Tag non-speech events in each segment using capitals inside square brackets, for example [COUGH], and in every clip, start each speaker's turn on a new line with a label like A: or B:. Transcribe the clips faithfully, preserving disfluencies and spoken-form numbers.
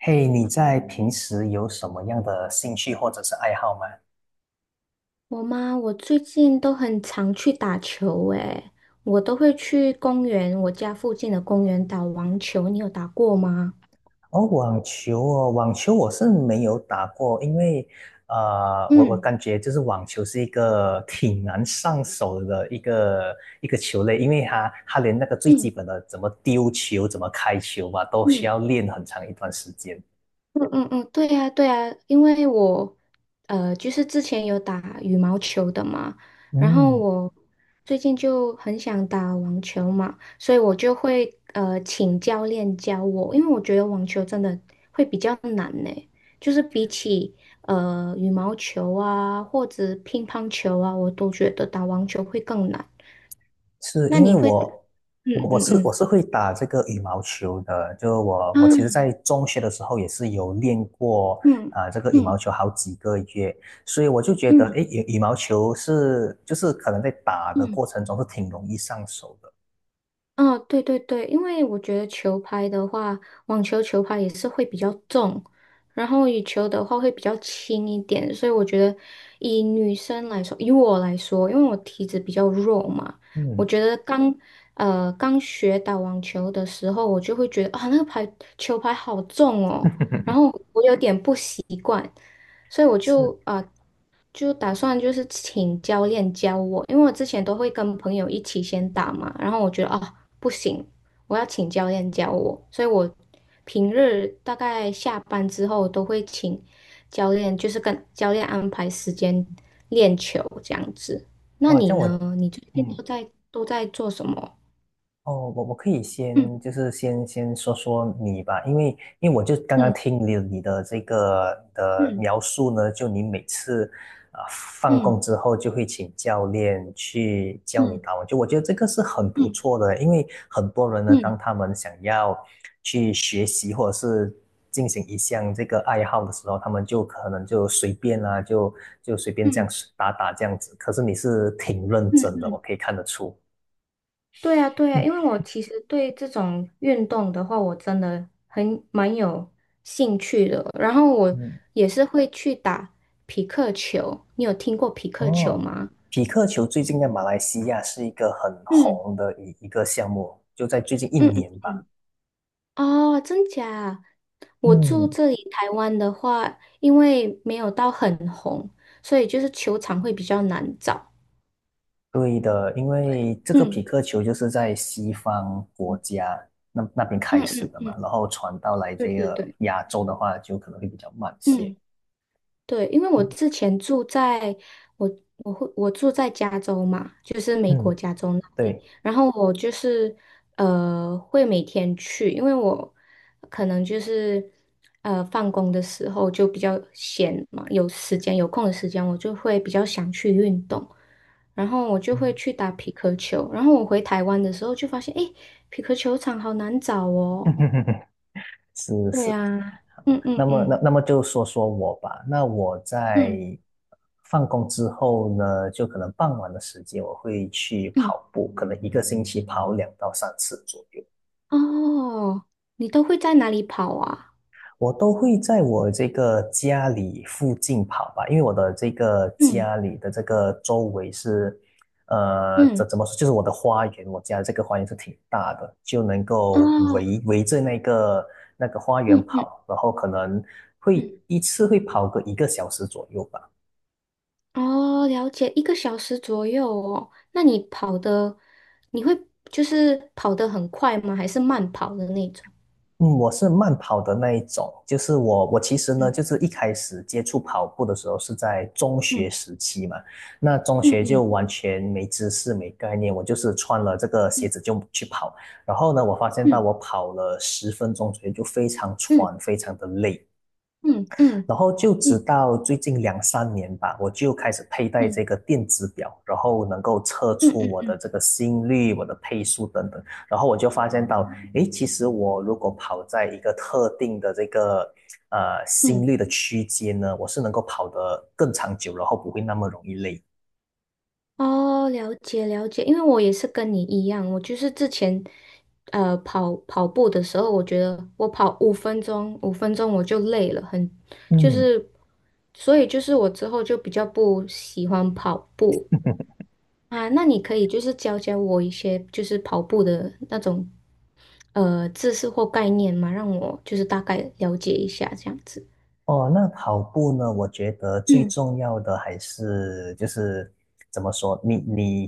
A: 嘿，你在平时有什么样的兴趣或者是爱好吗？
B: 我吗？我最近都很常去打球，诶，我都会去公园，我家附近的公园打网球。你有打过吗？
A: 哦，网球哦，网球我是没有打过，因为呃，我我
B: 嗯
A: 感觉就是网球是一个挺难上手的一个一个球类，因为它它连那个最基
B: 嗯
A: 本的怎么丢球、怎么开球吧，都需
B: 嗯。
A: 要练很长一段时间。
B: 嗯嗯嗯，对呀对呀，因为我呃，就是之前有打羽毛球的嘛，然后
A: 嗯，
B: 我最近就很想打网球嘛，所以我就会呃请教练教我，因为我觉得网球真的会比较难呢，就是比起呃羽毛球啊或者乒乓球啊，我都觉得打网球会更难。
A: 是
B: 那
A: 因为
B: 你会打？
A: 我
B: 嗯
A: 我我
B: 嗯
A: 是我
B: 嗯，
A: 是会打这个羽毛球的，就我我其实，
B: 啊，
A: 在中学的时候也是有练过
B: 嗯
A: 啊、呃这个羽毛
B: 嗯
A: 球好几个月，所以我就觉得，
B: 嗯
A: 诶，羽羽毛球是就是可能在打的
B: 嗯。
A: 过程中是挺容易上手的。
B: 啊，对对对，因为我觉得球拍的话，网球球拍也是会比较重，然后羽球的话会比较轻一点，所以我觉得以女生来说，以我来说，因为我体质比较弱嘛，我
A: 嗯，
B: 觉得刚呃刚学打网球的时候，我就会觉得啊那个拍球拍好重哦，然后
A: [LAUGHS]
B: 我有点不习惯，所以我
A: 是
B: 就啊。呃就打算就是请教练教我，因为我之前都会跟朋友一起先打嘛，然后我觉得哦不行，我要请教练教我，所以我平日大概下班之后都会请教练，就是跟教练安排时间练球这样子。那
A: 哇，这
B: 你
A: 样我
B: 呢？你最近
A: 嗯，
B: 都在都在做什么？
A: 哦，我我可以先
B: 嗯
A: 就是先先说说你吧，因为因为我就刚刚
B: 嗯
A: 听了你的这个的
B: 嗯
A: 描述呢，就你每次啊、呃放
B: 嗯
A: 工之后就会请教练去教你
B: 嗯
A: 打网球，我觉得这个是很不
B: 嗯
A: 错的，因为很多人呢，
B: 嗯
A: 当
B: 嗯
A: 他们想要去学习或者是进行一项这个爱好的时候，他们就可能就随便啊，就就随便这样
B: 嗯
A: 打打这样子，可是你是挺认
B: 嗯。
A: 真的，我可以看得出。
B: 对呀，对呀，因
A: 嗯
B: 为我其实对这种运动的话，我真的很蛮有兴趣的。然后我
A: 嗯。
B: 也是会去打匹克球，你有听过匹克球
A: 哦，
B: 吗？
A: 匹克球最近在马来西亚是一个很
B: 嗯
A: 红的一一个项目，就在最近一
B: 嗯
A: 年吧。
B: 嗯，哦，真假？我住
A: 嗯，
B: 这里台湾的话，因为没有到很红，所以就是球场会比较难找。
A: 对的，因为这个
B: 嗯
A: 匹克球就是在西方国
B: 嗯
A: 家那那边开
B: 嗯
A: 始
B: 嗯
A: 的嘛，
B: 嗯，
A: 然后传到来
B: 对
A: 这
B: 对
A: 个
B: 对，
A: 亚洲的话，就可能会比较慢些。
B: 嗯。对，因为我
A: 嗯
B: 之前住在我我会我住在加州嘛，就是美国
A: 嗯，
B: 加州那里，
A: 对，
B: 然后我就是呃会每天去，因为我可能就是呃放工的时候就比较闲嘛，有时间有空的时间，我就会比较想去运动，然后我
A: [LAUGHS]
B: 就会
A: 嗯，
B: 去打匹克球，然后我回台湾的时候就发现，诶，匹克球场好难找哦。
A: 是
B: 对
A: 是，
B: 呀，嗯嗯
A: 那么，
B: 嗯
A: 那那么就说说我吧。那我在
B: 嗯
A: 放工之后呢，就可能傍晚的时间，我会去
B: 嗯。
A: 跑步，可能一个星期跑两到三次左右。
B: 哦，你都会在哪里跑啊？
A: 我都会在我这个家里附近跑吧，因为我的这个
B: 嗯
A: 家里的这个周围是，呃，
B: 嗯，
A: 怎怎么说，就是我的花园，我家这个花园是挺大的，就能够
B: 哦，
A: 围围着那个那个花园
B: 嗯嗯
A: 跑，然后可能会
B: 嗯，
A: 一次会跑个一个小时左右吧。
B: 哦，了解，一个小时左右哦。那你跑的，你会就是跑得很快吗？还是慢跑的那种？
A: 嗯，我是慢跑的那一种，就是我，我其实呢，
B: 嗯
A: 就是一开始接触跑步的时候是在中学
B: 嗯
A: 时期嘛，那中
B: 嗯
A: 学就
B: 嗯
A: 完全没知识、没概念，我就是穿了这个鞋子就去跑，然后呢，我发现到
B: 嗯
A: 我跑了十分钟左右就非常
B: 嗯
A: 喘，非常的累，
B: 嗯嗯
A: 然后就
B: 嗯
A: 直
B: 嗯
A: 到最近两三年吧，我就开始佩戴
B: 嗯
A: 这个电子表，然后能够测
B: 嗯
A: 出我
B: 嗯
A: 的这个心率、我的配速等等。然后我就发现到，诶，其实我如果跑在一个特定的这个呃
B: 嗯。
A: 心率的区间呢，我是能够跑得更长久，然后不会那么容易累。
B: 哦，了解了解，因为我也是跟你一样，我就是之前，呃，跑跑步的时候，我觉得我跑五分钟，五分钟我就累了，很，就
A: 嗯。
B: 是，所以就是我之后就比较不喜欢跑步啊。那你可以就是教教我一些就是跑步的那种，呃，知识或概念嘛，让我就是大概了解一下这样子。
A: 哦，那跑步呢？我觉得最
B: 嗯
A: 重要的还是就是怎么说，你你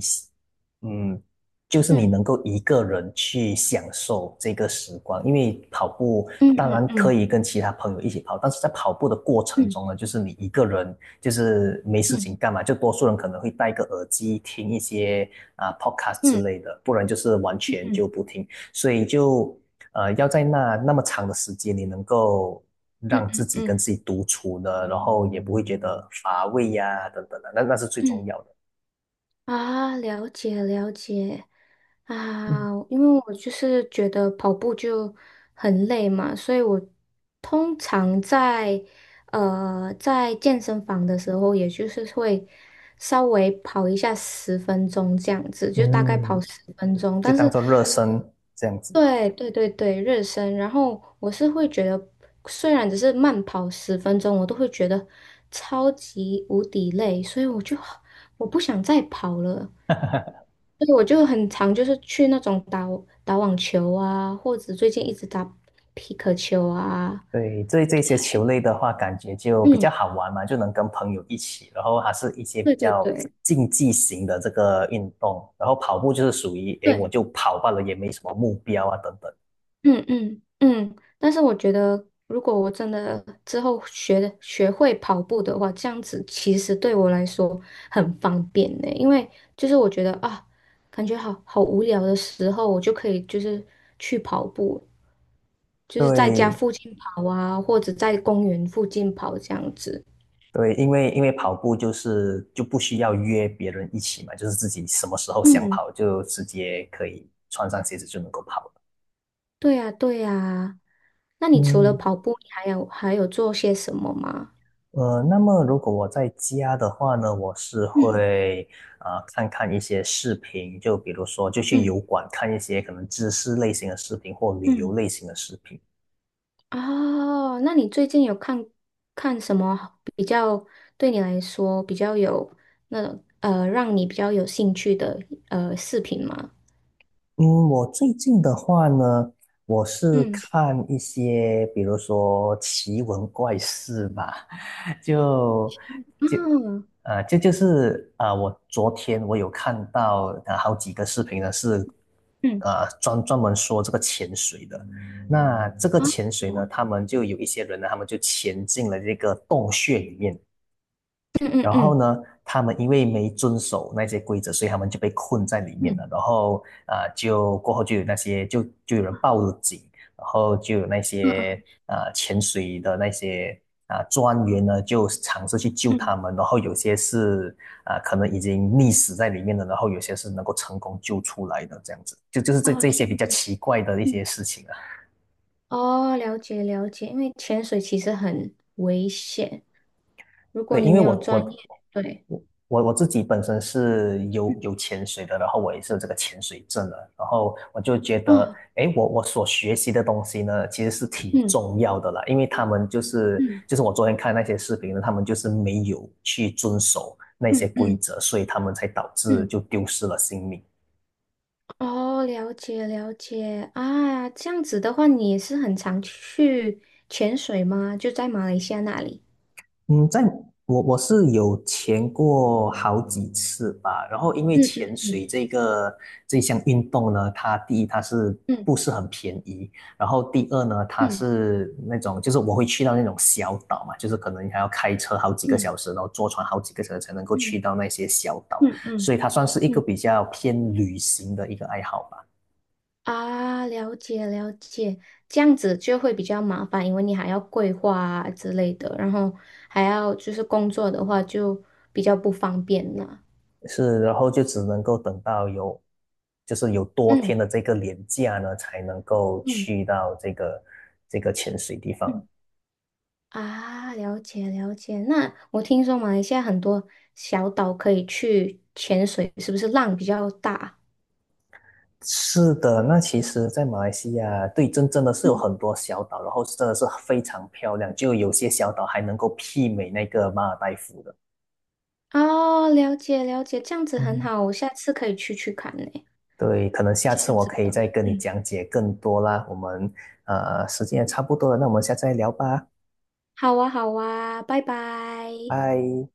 A: 嗯，就是你能
B: 嗯
A: 够一个人去享受这个时光，因为跑步
B: 嗯
A: 当
B: 嗯
A: 然可
B: 嗯
A: 以跟其他朋友一起跑，但是在跑步的过程
B: 嗯
A: 中呢，就是你一个人就是没事
B: 嗯
A: 情干嘛，就多数人可能会戴个耳机听一些啊 podcast 之
B: 嗯
A: 类的，不然就是完
B: 嗯
A: 全
B: 嗯
A: 就不听。所以就呃，要在那那么长的时间，你能够
B: 嗯嗯
A: 让
B: 嗯
A: 自
B: 嗯。
A: 己
B: 嗯
A: 跟
B: 嗯
A: 自己独处的，然后也不会觉得乏味呀、等等的，那那是最重
B: 嗯
A: 要的。
B: 啊，了解了解
A: 嗯
B: 啊，因为我就是觉得跑步就很累嘛，所以我通常在呃在健身房的时候，也就是会稍微跑一下十分钟这样子，就大概跑
A: 嗯，
B: 十分钟。
A: 就
B: 但
A: 当
B: 是，
A: 做热身这样子。
B: 对对对对，热身。然后我是会觉得，虽然只是慢跑十分钟，我都会觉得超级无敌累，所以我就我不想再跑了。
A: [LAUGHS]
B: 对，我就很常就是去那种打打网球啊，或者最近一直打皮克球啊。
A: 对，这这些球类的话，感觉就比较
B: 嗯，
A: 好玩嘛，就能跟朋友一起，然后还是一些比
B: 对对
A: 较
B: 对
A: 竞技型的这个运动，然后跑步就是属于，诶，我
B: 对，
A: 就跑罢了，也没什么目标啊，等等。
B: 嗯嗯嗯。但是我觉得，如果我真的之后学学会跑步的话，这样子其实对我来说很方便呢。因为就是我觉得啊，感觉好好无聊的时候，我就可以就是去跑步，就是在家
A: 对，
B: 附近跑啊，或者在公园附近跑这样子。
A: 对，因为因为跑步就是就不需要约别人一起嘛，就是自己什么时候想
B: 嗯。
A: 跑就直接可以穿上鞋子就能够跑了。
B: 对呀，对呀。那你除了
A: 嗯。
B: 跑步，你还有还有做些什么吗？
A: 呃，那么如果我在家的话呢，我是
B: 嗯
A: 会啊、呃看看一些视频，就比如说就去
B: 嗯
A: 油管看一些可能知识类型的视频或旅游
B: 嗯，
A: 类型的视频。
B: 哦，那你最近有看看什么比较对你来说比较有那种呃让你比较有兴趣的呃视频吗？
A: 嗯，我最近的话呢，我是
B: 嗯
A: 看一些，比如说奇闻怪事吧，[LAUGHS] 就就
B: 嗯，
A: 呃，这就就是啊、呃我昨天我有看到啊好几个视频呢，是
B: 嗯
A: 呃专专门说这个潜水的。那这个
B: 啊，
A: 潜水呢，
B: 我
A: 他们就有一些人呢，他们就潜进了这个洞穴里面。
B: 嗯嗯
A: 然后
B: 嗯
A: 呢，他们因为没遵守那些规则，所以他们就被困在里面
B: 嗯
A: 了。然后啊、呃就过后就有那些就就有人报了警，然后就有那些
B: 嗯
A: 啊、呃潜水的那些啊、呃专员呢，就尝试去救
B: 嗯，嗯
A: 他们。然后有些是啊、呃可能已经溺死在里面了，然后有些是能够成功救出来的，这样子。就就是这
B: 哦
A: 这些
B: 天，
A: 比较奇怪的一
B: 嗯，
A: 些事情啊。
B: 哦了解了解，因为潜水其实很危险，如果
A: 对，
B: 你
A: 因为
B: 没有
A: 我
B: 专
A: 我
B: 业，对。
A: 我我我自己本身是有有潜水的，然后我也是有这个潜水证的，然后我就觉得，
B: 哦，
A: 诶，我我所学习的东西呢，其实是挺
B: 嗯
A: 重要的啦，因为他们就是
B: 嗯
A: 就是我昨天看那些视频呢，他们就是没有去遵守那些
B: 嗯
A: 规
B: 嗯
A: 则，所以他们才导致
B: 嗯，
A: 就丢失了性命。
B: 哦，了解了解啊，这样子的话，你也是很常去潜水吗？就在马来西亚那里？
A: 嗯，在我我是有潜过好几次吧，然后因为
B: 嗯
A: 潜
B: 嗯
A: 水
B: 嗯
A: 这个这项运动呢，它第一它是不是很便宜，然后第二呢，它
B: 嗯
A: 是那种就是我会去到那种小岛嘛，就是可能还要开车好几个
B: 嗯
A: 小时，然后坐船好几个小时才能够去
B: 嗯
A: 到那些小岛，
B: 嗯
A: 所
B: 嗯
A: 以它算是一
B: 嗯
A: 个
B: 嗯
A: 比较偏旅行的一个爱好吧。
B: 啊，了解了解，这样子就会比较麻烦，因为你还要规划啊之类的，然后还要就是工作的话就比较不方便了。
A: 是，然后就只能够等到有，就是有多
B: 嗯
A: 天的这个连假呢，才能够
B: 嗯
A: 去到这个这个潜水地方。
B: 嗯啊，了解了解。那我听说马来西亚很多小岛可以去潜水，是不是浪比较大？
A: 是的，那其实，在马来西亚，对，真真的是有
B: 嗯，
A: 很多小岛，然后真的是非常漂亮，就有些小岛还能够媲美那个马尔代夫的。
B: 哦，了解了解，这样子很
A: 嗯，
B: 好，我下次可以去去看呢。
A: 对，可能下
B: 这
A: 次
B: 样
A: 我
B: 子
A: 可以
B: 的，
A: 再跟你
B: 嗯，
A: 讲解更多啦。我们呃，时间也差不多了，那我们下次再聊吧，
B: 好啊，好啊，拜拜。
A: 拜。